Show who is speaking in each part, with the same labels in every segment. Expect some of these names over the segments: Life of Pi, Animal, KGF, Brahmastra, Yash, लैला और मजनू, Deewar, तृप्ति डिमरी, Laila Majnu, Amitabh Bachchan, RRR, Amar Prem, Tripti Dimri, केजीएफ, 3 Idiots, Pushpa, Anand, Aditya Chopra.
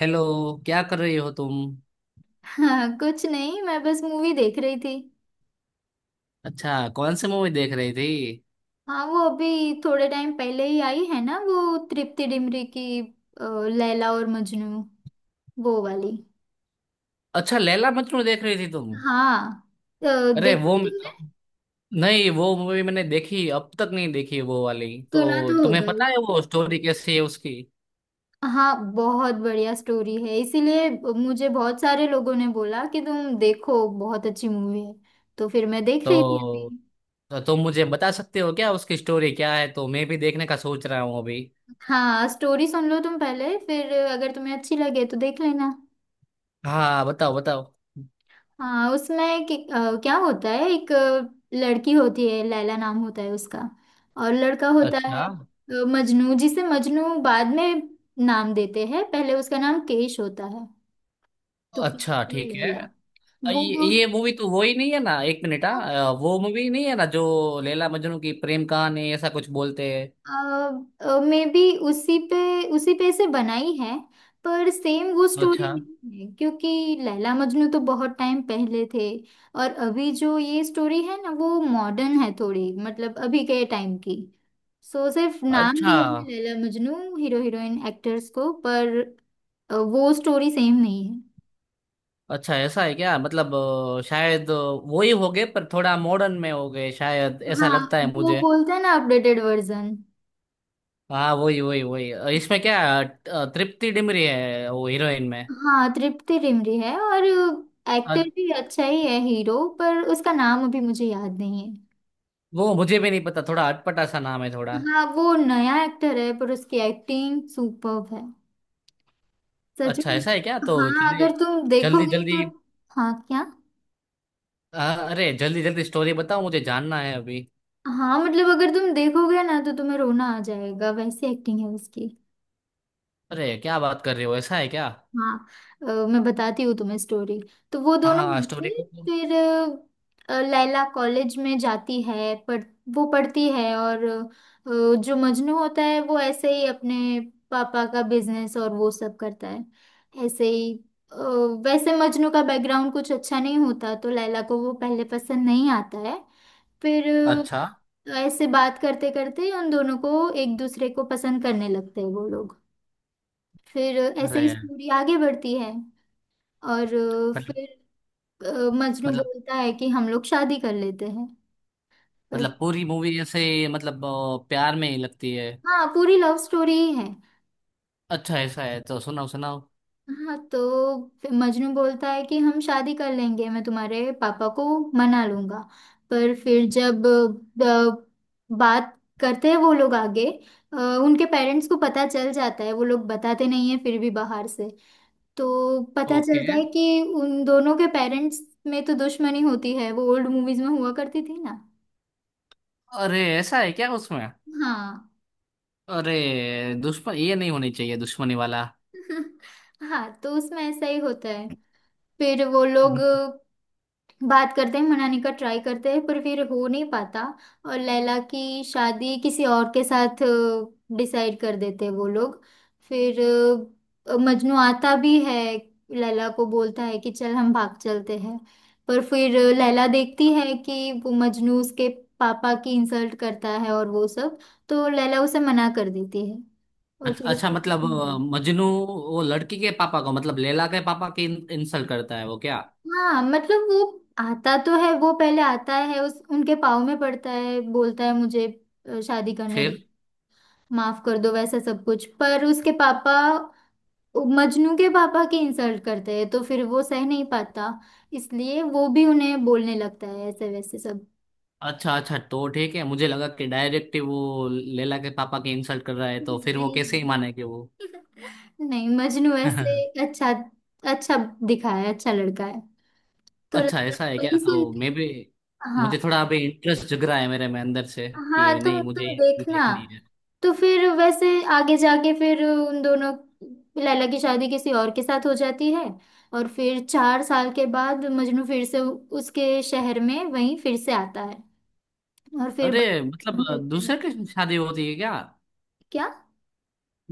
Speaker 1: Hello. क्या कर रही हो तुम।
Speaker 2: हाँ, कुछ नहीं। मैं बस मूवी देख रही थी।
Speaker 1: अच्छा, कौन सी मूवी देख रही थी।
Speaker 2: हाँ, वो अभी थोड़े टाइम पहले ही आई है ना, वो तृप्ति डिमरी की, अ, लैला और मजनू, वो वाली।
Speaker 1: अच्छा, लैला मजनू देख रही थी तुम।
Speaker 2: हाँ। अ,
Speaker 1: अरे वो,
Speaker 2: देखी तुमने?
Speaker 1: नहीं वो मूवी मैंने देखी, अब तक नहीं देखी वो वाली।
Speaker 2: सुना
Speaker 1: तो
Speaker 2: तो
Speaker 1: तुम्हें
Speaker 2: होगा
Speaker 1: पता
Speaker 2: ही।
Speaker 1: है वो स्टोरी कैसी है उसकी।
Speaker 2: हाँ, बहुत बढ़िया स्टोरी है इसीलिए। मुझे बहुत सारे लोगों ने बोला कि तुम देखो, बहुत अच्छी मूवी है। तो फिर मैं देख रही थी अभी।
Speaker 1: तो तो तुम मुझे बता सकते हो क्या उसकी स्टोरी क्या है, तो मैं भी देखने का सोच रहा हूँ अभी।
Speaker 2: हाँ, स्टोरी सुन लो तुम पहले, फिर अगर तुम्हें अच्छी लगे तो देख लेना।
Speaker 1: हाँ बताओ बताओ।
Speaker 2: हाँ, उसमें क्या होता है, एक लड़की होती है, लैला नाम होता है उसका। और लड़का होता
Speaker 1: अच्छा।
Speaker 2: है मजनू, जिसे मजनू बाद में नाम देते हैं। पहले उसका नाम केश होता है। तो
Speaker 1: अच्छा
Speaker 2: केश और
Speaker 1: ठीक है।
Speaker 2: लैला। वो दो।
Speaker 1: ये मूवी तो वो ही नहीं है ना, एक मिनट,
Speaker 2: हाँ।
Speaker 1: हाँ वो मूवी नहीं है ना जो लैला मजनू की प्रेम कहानी ऐसा कुछ बोलते हैं।
Speaker 2: मे बी उसी पे, उसी पे से बनाई है, पर सेम वो स्टोरी
Speaker 1: अच्छा।
Speaker 2: नहीं है, क्योंकि लैला मजनू तो बहुत टाइम पहले थे। और अभी जो ये स्टोरी है ना, वो मॉडर्न है थोड़ी, मतलब अभी के टाइम की। सो सिर्फ नाम
Speaker 1: अच्छा।
Speaker 2: दिया है Laila Majnu, hero heroine actors को, पर वो स्टोरी सेम नहीं है।
Speaker 1: अच्छा ऐसा है क्या, मतलब शायद वो ही हो गए पर थोड़ा मॉडर्न में हो गए शायद, ऐसा
Speaker 2: हाँ,
Speaker 1: लगता है
Speaker 2: वो
Speaker 1: मुझे।
Speaker 2: बोलते हैं ना, अपडेटेड वर्जन।
Speaker 1: हाँ वही वही वही, इसमें क्या, तृप्ति डिमरी है वो हीरोइन में।
Speaker 2: हाँ, तृप्ति डिमरी है, और
Speaker 1: अ,
Speaker 2: एक्टर भी अच्छा ही है, हीरो, पर उसका नाम अभी मुझे याद नहीं
Speaker 1: वो मुझे भी नहीं पता, थोड़ा अटपटा सा नाम है थोड़ा।
Speaker 2: है। हाँ, वो नया एक्टर है पर उसकी एक्टिंग सुपर्ब है, सच
Speaker 1: अच्छा
Speaker 2: में।
Speaker 1: ऐसा है क्या, तो
Speaker 2: हाँ, अगर
Speaker 1: चलिए
Speaker 2: तुम
Speaker 1: जल्दी
Speaker 2: देखोगे
Speaker 1: जल्दी।
Speaker 2: तो। हाँ, क्या?
Speaker 1: अ, अरे जल्दी जल्दी स्टोरी बताओ, मुझे जानना है अभी।
Speaker 2: हाँ, मतलब अगर तुम देखोगे ना, तो तुम्हें रोना आ जाएगा, वैसी एक्टिंग है उसकी।
Speaker 1: अरे क्या बात कर रहे हो, ऐसा है क्या।
Speaker 2: हाँ। अ, मैं बताती हूँ तुम्हें स्टोरी। तो वो दोनों
Speaker 1: हाँ
Speaker 2: मिलते
Speaker 1: स्टोरी
Speaker 2: हैं,
Speaker 1: को।
Speaker 2: फिर लैला कॉलेज में जाती है पढ़। वो पढ़ती है, और जो मजनू होता है वो ऐसे ही अपने पापा का बिजनेस और वो सब करता है, ऐसे ही। अ, वैसे मजनू का बैकग्राउंड कुछ अच्छा नहीं होता, तो लैला को वो पहले पसंद नहीं आता है। फिर
Speaker 1: अच्छा।
Speaker 2: ऐसे बात करते करते उन दोनों को एक दूसरे को पसंद करने लगते हैं वो लोग। फिर ऐसे ही
Speaker 1: अरे
Speaker 2: स्टोरी आगे बढ़ती है। और
Speaker 1: मतलब,
Speaker 2: फिर मजनू
Speaker 1: मतलब,
Speaker 2: बोलता है कि हम लोग शादी कर लेते हैं। पर
Speaker 1: मतलब पूरी मूवी ऐसे मतलब प्यार में ही लगती है।
Speaker 2: हाँ, पूरी लव स्टोरी ही है।
Speaker 1: अच्छा ऐसा है, तो सुनाओ सुनाओ।
Speaker 2: हाँ, तो फिर मजनू बोलता है कि हम शादी कर लेंगे, मैं तुम्हारे पापा को मना लूंगा। पर फिर जब बात करते हैं वो लोग आगे, अ, उनके पेरेंट्स को पता चल जाता है। वो लोग बताते नहीं है फिर भी, बाहर से तो पता
Speaker 1: ओके।
Speaker 2: चलता है कि उन दोनों के पेरेंट्स में तो दुश्मनी होती है, वो ओल्ड मूवीज में हुआ करती थी ना।
Speaker 1: अरे ऐसा है क्या उसमें।
Speaker 2: हाँ।
Speaker 1: अरे दुश्मन, ये नहीं होनी चाहिए दुश्मनी वाला।
Speaker 2: हाँ, तो उसमें ऐसा ही होता है। फिर वो लोग बात करते हैं, मनाने का ट्राई करते हैं, पर फिर हो नहीं पाता। और लैला की शादी किसी और के साथ डिसाइड कर देते हैं वो लोग। फिर मजनू आता भी है। लैला को बोलता है कि चल हम भाग चलते हैं, पर फिर लैला देखती है कि वो मजनू उसके पापा की इंसल्ट करता है और वो सब। तो लैला उसे मना कर देती है। और
Speaker 1: अच्छा
Speaker 2: फिर
Speaker 1: अच्छा,
Speaker 2: उसको,
Speaker 1: मतलब मजनू वो लड़की के पापा को, मतलब लैला के पापा की इंसल्ट करता है वो क्या।
Speaker 2: हाँ, मतलब वो आता तो है, वो पहले आता है, उस उनके पाँव में पड़ता है, बोलता है मुझे शादी करने दो,
Speaker 1: फिर।
Speaker 2: माफ कर दो, वैसा सब कुछ। पर उसके पापा, मजनू के पापा की इंसल्ट करते हैं, तो फिर वो सह नहीं पाता, इसलिए वो भी उन्हें बोलने लगता है ऐसे वैसे सब।
Speaker 1: अच्छा अच्छा तो ठीक है, मुझे लगा कि डायरेक्ट वो लैला के पापा की इंसल्ट कर रहा है, तो
Speaker 2: नहीं
Speaker 1: फिर वो कैसे
Speaker 2: नहीं,
Speaker 1: ही मानेगी वो।
Speaker 2: नहीं मजनू ऐसे। अच्छा, अच्छा दिखा है, अच्छा लड़का है, तो
Speaker 1: अच्छा
Speaker 2: लगता है
Speaker 1: ऐसा है क्या,
Speaker 2: वही
Speaker 1: तो
Speaker 2: सुनती
Speaker 1: मैं
Speaker 2: है।
Speaker 1: भी मुझे थोड़ा अभी इंटरेस्ट जग रहा है मेरे में अंदर से
Speaker 2: हाँ,
Speaker 1: कि
Speaker 2: तुम
Speaker 1: नहीं मुझे
Speaker 2: तुम
Speaker 1: ये
Speaker 2: देखना।
Speaker 1: देखनी है।
Speaker 2: तो फिर वैसे आगे जाके फिर उन दोनों, लैला की शादी किसी और के साथ हो जाती है। और फिर चार साल के बाद मजनू फिर से उसके शहर में वहीं फिर से आता है, और फिर
Speaker 1: अरे
Speaker 2: बच्चे
Speaker 1: मतलब
Speaker 2: मिलते हैं।
Speaker 1: दूसरे के शादी होती है क्या,
Speaker 2: क्या?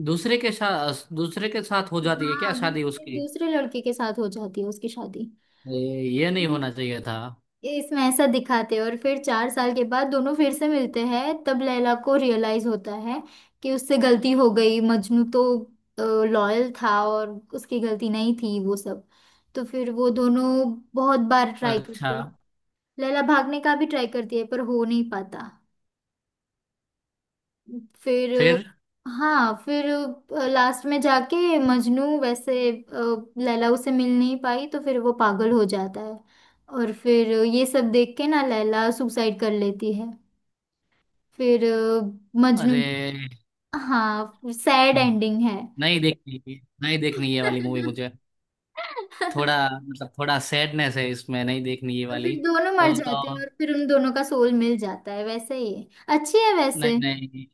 Speaker 1: दूसरे के साथ, दूसरे के साथ हो जाती है क्या
Speaker 2: हाँ,
Speaker 1: शादी
Speaker 2: दूसरे
Speaker 1: उसकी।
Speaker 2: दूसरे लड़के के साथ हो जाती है उसकी शादी।
Speaker 1: ये नहीं होना चाहिए था।
Speaker 2: ये इसमें ऐसा दिखाते हैं, और फिर चार साल के बाद दोनों फिर से मिलते हैं, तब लैला को रियलाइज होता है कि उससे गलती हो गई, मजनू तो लॉयल था और उसकी गलती नहीं थी, वो सब। तो फिर वो दोनों बहुत बार ट्राई
Speaker 1: अच्छा।
Speaker 2: करते, लैला भागने का भी ट्राई करती है, पर हो नहीं पाता। फिर,
Speaker 1: फिर।
Speaker 2: हाँ, फिर लास्ट में जाके मजनू वैसे लैला उसे मिल नहीं पाई, तो फिर वो पागल हो जाता है। और फिर ये सब देख के ना, लैला सुसाइड कर लेती है। फिर मजनू
Speaker 1: अरे।
Speaker 2: भी। हाँ, सैड
Speaker 1: हम्म।
Speaker 2: एंडिंग है।
Speaker 1: नहीं देखनी, नहीं देखनी ये वाली मूवी मुझे। थोड़ा, मतलब थोड़ा सैडनेस है इसमें, नहीं देखनी ये
Speaker 2: तो
Speaker 1: वाली।
Speaker 2: फिर दोनों मर जाते हैं
Speaker 1: तो
Speaker 2: और फिर उन दोनों का सोल मिल जाता है, वैसे ही है। अच्छी है
Speaker 1: नहीं
Speaker 2: वैसे।
Speaker 1: नहीं,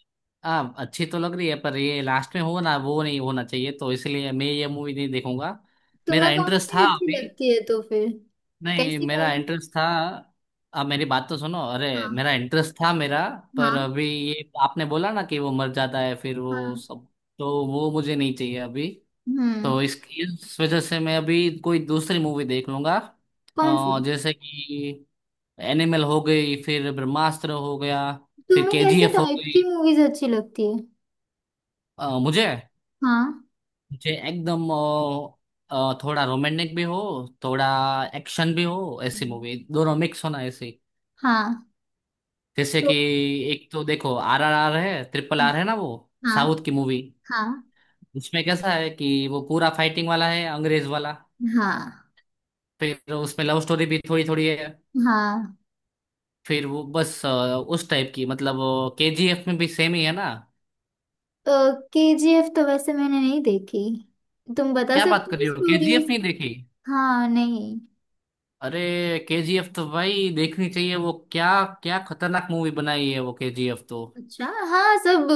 Speaker 1: हाँ अच्छी तो लग रही है पर ये लास्ट में हो ना वो नहीं होना चाहिए, तो इसलिए मैं ये मूवी नहीं देखूंगा। मेरा
Speaker 2: तुम्हें कौन
Speaker 1: इंटरेस्ट
Speaker 2: सी
Speaker 1: था
Speaker 2: अच्छी
Speaker 1: अभी,
Speaker 2: लगती है तो फिर?
Speaker 1: नहीं
Speaker 2: कैसी
Speaker 1: मेरा
Speaker 2: मूवी?
Speaker 1: इंटरेस्ट था। आप मेरी बात तो सुनो, अरे
Speaker 2: हाँ।
Speaker 1: मेरा इंटरेस्ट था मेरा। पर
Speaker 2: हाँ।
Speaker 1: अभी ये आपने बोला ना कि वो मर जाता है फिर वो
Speaker 2: हाँ।
Speaker 1: सब, तो वो मुझे नहीं चाहिए अभी।
Speaker 2: हम्म।
Speaker 1: तो इस वजह से मैं अभी कोई दूसरी मूवी देख लूंगा।
Speaker 2: कौन सी?
Speaker 1: जैसे कि एनिमल हो गई, फिर ब्रह्मास्त्र हो गया, फिर
Speaker 2: तुम्हें कैसे
Speaker 1: केजीएफ हो
Speaker 2: टाइप
Speaker 1: गई।
Speaker 2: की मूवीज अच्छी लगती है?
Speaker 1: मुझे,
Speaker 2: हाँ।
Speaker 1: मुझे एकदम थोड़ा रोमांटिक भी हो, थोड़ा एक्शन भी हो, ऐसी
Speaker 2: हम्म।
Speaker 1: मूवी दोनों मिक्स होना ऐसी।
Speaker 2: हाँ।
Speaker 1: जैसे कि
Speaker 2: तो
Speaker 1: एक तो देखो RRR है, ट्रिपल
Speaker 2: हाँ।
Speaker 1: आर है ना वो, साउथ की मूवी।
Speaker 2: हाँ।
Speaker 1: उसमें कैसा है कि वो पूरा फाइटिंग वाला है, अंग्रेज वाला।
Speaker 2: हाँ।
Speaker 1: फिर उसमें लव स्टोरी भी थोड़ी थोड़ी है।
Speaker 2: हाँ,
Speaker 1: फिर वो बस उस टाइप की, मतलब केजीएफ में भी सेम ही है ना।
Speaker 2: के जी एफ तो वैसे मैंने नहीं देखी। तुम बता
Speaker 1: क्या बात
Speaker 2: सकते
Speaker 1: कर
Speaker 2: हो
Speaker 1: रही हो,
Speaker 2: स्टोरी
Speaker 1: केजीएफ नहीं
Speaker 2: उसकी?
Speaker 1: देखी।
Speaker 2: हाँ, नहीं।
Speaker 1: अरे केजीएफ तो भाई देखनी चाहिए वो, क्या क्या खतरनाक मूवी बनाई है वो केजीएफ तो।
Speaker 2: अच्छा, हाँ, सब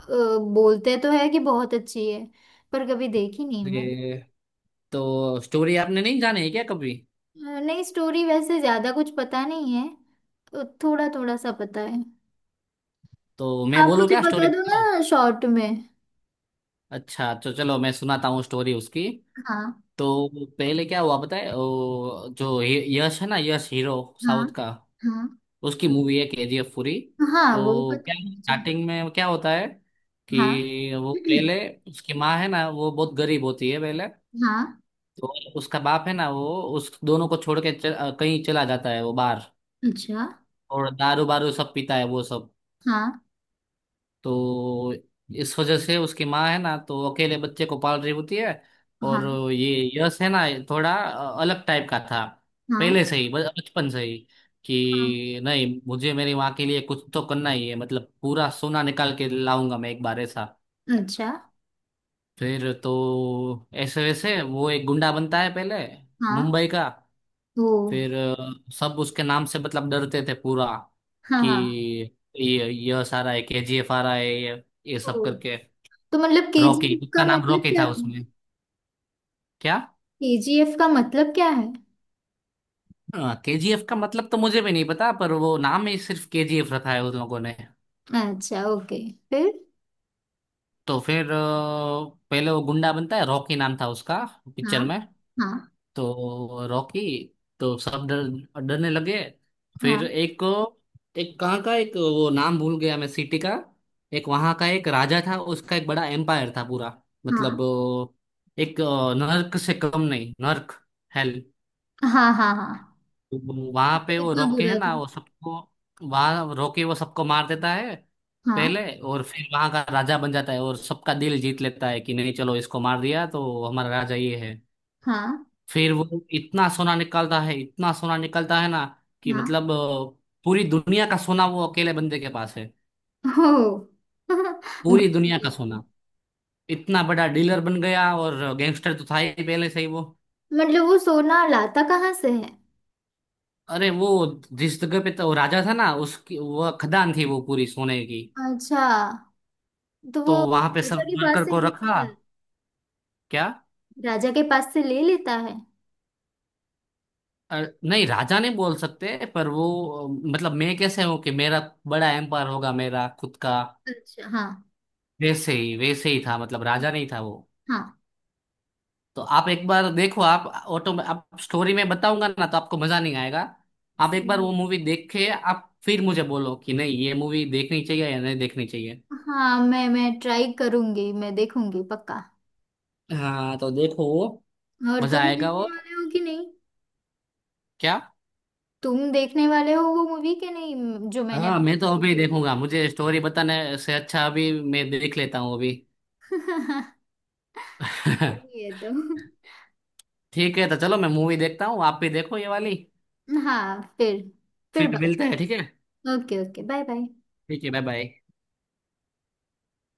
Speaker 2: बोलते तो है कि बहुत अच्छी है, पर कभी देखी नहीं मैंने।
Speaker 1: ये, तो स्टोरी आपने नहीं जानी है क्या कभी।
Speaker 2: नहीं, स्टोरी वैसे ज्यादा कुछ पता नहीं है, थोड़ा थोड़ा सा पता है।
Speaker 1: तो मैं
Speaker 2: आप
Speaker 1: बोलूँ
Speaker 2: मुझे
Speaker 1: क्या, स्टोरी
Speaker 2: बता दो
Speaker 1: बताओ।
Speaker 2: ना शॉर्ट में।
Speaker 1: अच्छा तो चलो मैं सुनाता हूँ स्टोरी उसकी।
Speaker 2: हाँ।
Speaker 1: तो पहले क्या हुआ बताए, वो जो यश है ना, यश हीरो
Speaker 2: हाँ।
Speaker 1: साउथ का,
Speaker 2: हाँ।
Speaker 1: उसकी मूवी है केजीएफ पूरी।
Speaker 2: हाँ, वो
Speaker 1: तो
Speaker 2: पता
Speaker 1: क्या
Speaker 2: है मुझे।
Speaker 1: स्टार्टिंग में क्या होता है
Speaker 2: हाँ।
Speaker 1: कि वो पहले उसकी माँ है ना वो बहुत गरीब होती है पहले।
Speaker 2: हाँ।
Speaker 1: तो उसका बाप है ना वो, उस दोनों को छोड़ के कहीं चला जाता है वो बाहर
Speaker 2: अच्छा।
Speaker 1: और दारू बारू सब पीता है वो सब।
Speaker 2: हाँ।
Speaker 1: तो इस वजह से उसकी माँ है ना तो अकेले बच्चे को पाल रही होती है। और
Speaker 2: हाँ।
Speaker 1: ये यश है ना, ये थोड़ा अलग टाइप का था
Speaker 2: हाँ।
Speaker 1: पहले से ही, बचपन से ही
Speaker 2: हाँ।
Speaker 1: कि नहीं मुझे मेरी माँ के लिए कुछ तो करना ही है, मतलब पूरा सोना निकाल के लाऊंगा मैं एक बार, ऐसा।
Speaker 2: अच्छा।
Speaker 1: फिर तो ऐसे वैसे वो एक गुंडा बनता है पहले,
Speaker 2: हाँ।
Speaker 1: मुंबई का।
Speaker 2: ओ।
Speaker 1: फिर सब उसके नाम से मतलब डरते थे पूरा
Speaker 2: हाँ।
Speaker 1: कि
Speaker 2: हाँ।
Speaker 1: ये यश आ रहा है, केजीएफ आ रहा है, ये सब
Speaker 2: ओ,
Speaker 1: करके।
Speaker 2: तो मतलब
Speaker 1: रॉकी,
Speaker 2: केजीएफ
Speaker 1: उसका
Speaker 2: का
Speaker 1: नाम
Speaker 2: मतलब
Speaker 1: रॉकी
Speaker 2: क्या
Speaker 1: था
Speaker 2: था?
Speaker 1: उसमें। क्या,
Speaker 2: केजीएफ का मतलब क्या है?
Speaker 1: हाँ, केजीएफ का मतलब तो मुझे भी नहीं पता, पर वो नाम ही सिर्फ केजीएफ रखा है उन लोगों ने।
Speaker 2: अच्छा, ओके। फिर?
Speaker 1: तो फिर पहले वो गुंडा बनता है, रॉकी नाम था उसका
Speaker 2: हाँ।
Speaker 1: पिक्चर में।
Speaker 2: हाँ।
Speaker 1: तो रॉकी, तो सब डर, डरने लगे। फिर
Speaker 2: हाँ।
Speaker 1: एक, एक कहाँ का, एक वो नाम भूल गया मैं सिटी का, एक वहाँ का एक राजा था उसका, एक बड़ा एम्पायर था पूरा
Speaker 2: हाँ।
Speaker 1: मतलब एक नर्क से कम नहीं, नर्क, हेल।
Speaker 2: हाँ। हाँ। हाँ,
Speaker 1: वहां पे
Speaker 2: तो
Speaker 1: वो
Speaker 2: इतना
Speaker 1: रोके है
Speaker 2: बुरा था?
Speaker 1: ना वो सबको, वहां रोके वो सबको मार देता है
Speaker 2: हाँ।
Speaker 1: पहले, और फिर वहां का राजा बन जाता है और सबका दिल जीत लेता है कि नहीं चलो, इसको मार दिया तो हमारा राजा ये है।
Speaker 2: हाँ।
Speaker 1: फिर वो इतना सोना निकालता है, इतना सोना निकालता है ना कि
Speaker 2: हाँ।
Speaker 1: मतलब पूरी दुनिया का सोना वो अकेले बंदे के पास है,
Speaker 2: हो।
Speaker 1: पूरी दुनिया का
Speaker 2: बदला।
Speaker 1: सोना। इतना बड़ा डीलर बन गया, और गैंगस्टर तो था ही पहले से ही वो।
Speaker 2: मतलब वो सोना लाता कहाँ से है?
Speaker 1: अरे वो जिस जगह पे तो वो राजा था ना, उसकी वो खदान थी वो पूरी सोने की,
Speaker 2: अच्छा। तो
Speaker 1: तो
Speaker 2: वो
Speaker 1: वहां पे सब
Speaker 2: राजा के पास
Speaker 1: वर्कर
Speaker 2: से
Speaker 1: को
Speaker 2: ले
Speaker 1: रखा।
Speaker 2: लेता है?
Speaker 1: क्या,
Speaker 2: राजा के पास से ले लेता है?
Speaker 1: अ, नहीं राजा नहीं बोल सकते पर वो मतलब मैं कैसे हूँ कि मेरा बड़ा एम्पायर होगा मेरा खुद का,
Speaker 2: अच्छा। हाँ।
Speaker 1: वैसे ही था, मतलब राजा नहीं था वो।
Speaker 2: हाँ।
Speaker 1: तो आप एक बार देखो, आप ऑटो में आप स्टोरी में बताऊंगा ना तो आपको मजा नहीं आएगा। आप एक
Speaker 2: सही
Speaker 1: बार वो
Speaker 2: है।
Speaker 1: मूवी देख के आप फिर मुझे बोलो कि नहीं ये मूवी देखनी चाहिए या नहीं देखनी चाहिए।
Speaker 2: हाँ, मैं ट्राई करूंगी, मैं देखूंगी पक्का।
Speaker 1: हाँ तो देखो वो
Speaker 2: और
Speaker 1: मजा
Speaker 2: तुम
Speaker 1: आएगा
Speaker 2: देखने
Speaker 1: और।
Speaker 2: वाले हो कि नहीं?
Speaker 1: क्या,
Speaker 2: तुम देखने वाले हो वो मूवी के नहीं, जो मैंने
Speaker 1: हाँ मैं तो
Speaker 2: अभी
Speaker 1: अभी
Speaker 2: देखी थी?
Speaker 1: देखूंगा, मुझे स्टोरी बताने से अच्छा अभी मैं देख लेता हूँ अभी।
Speaker 2: सही है, तो।
Speaker 1: ठीक है, तो चलो मैं मूवी देखता हूँ, आप भी देखो ये वाली।
Speaker 2: हाँ, फिर
Speaker 1: फिर मिलते
Speaker 2: बात।
Speaker 1: हैं ठीक है।
Speaker 2: Okay, okay, bye bye.
Speaker 1: ठीक है बाय बाय।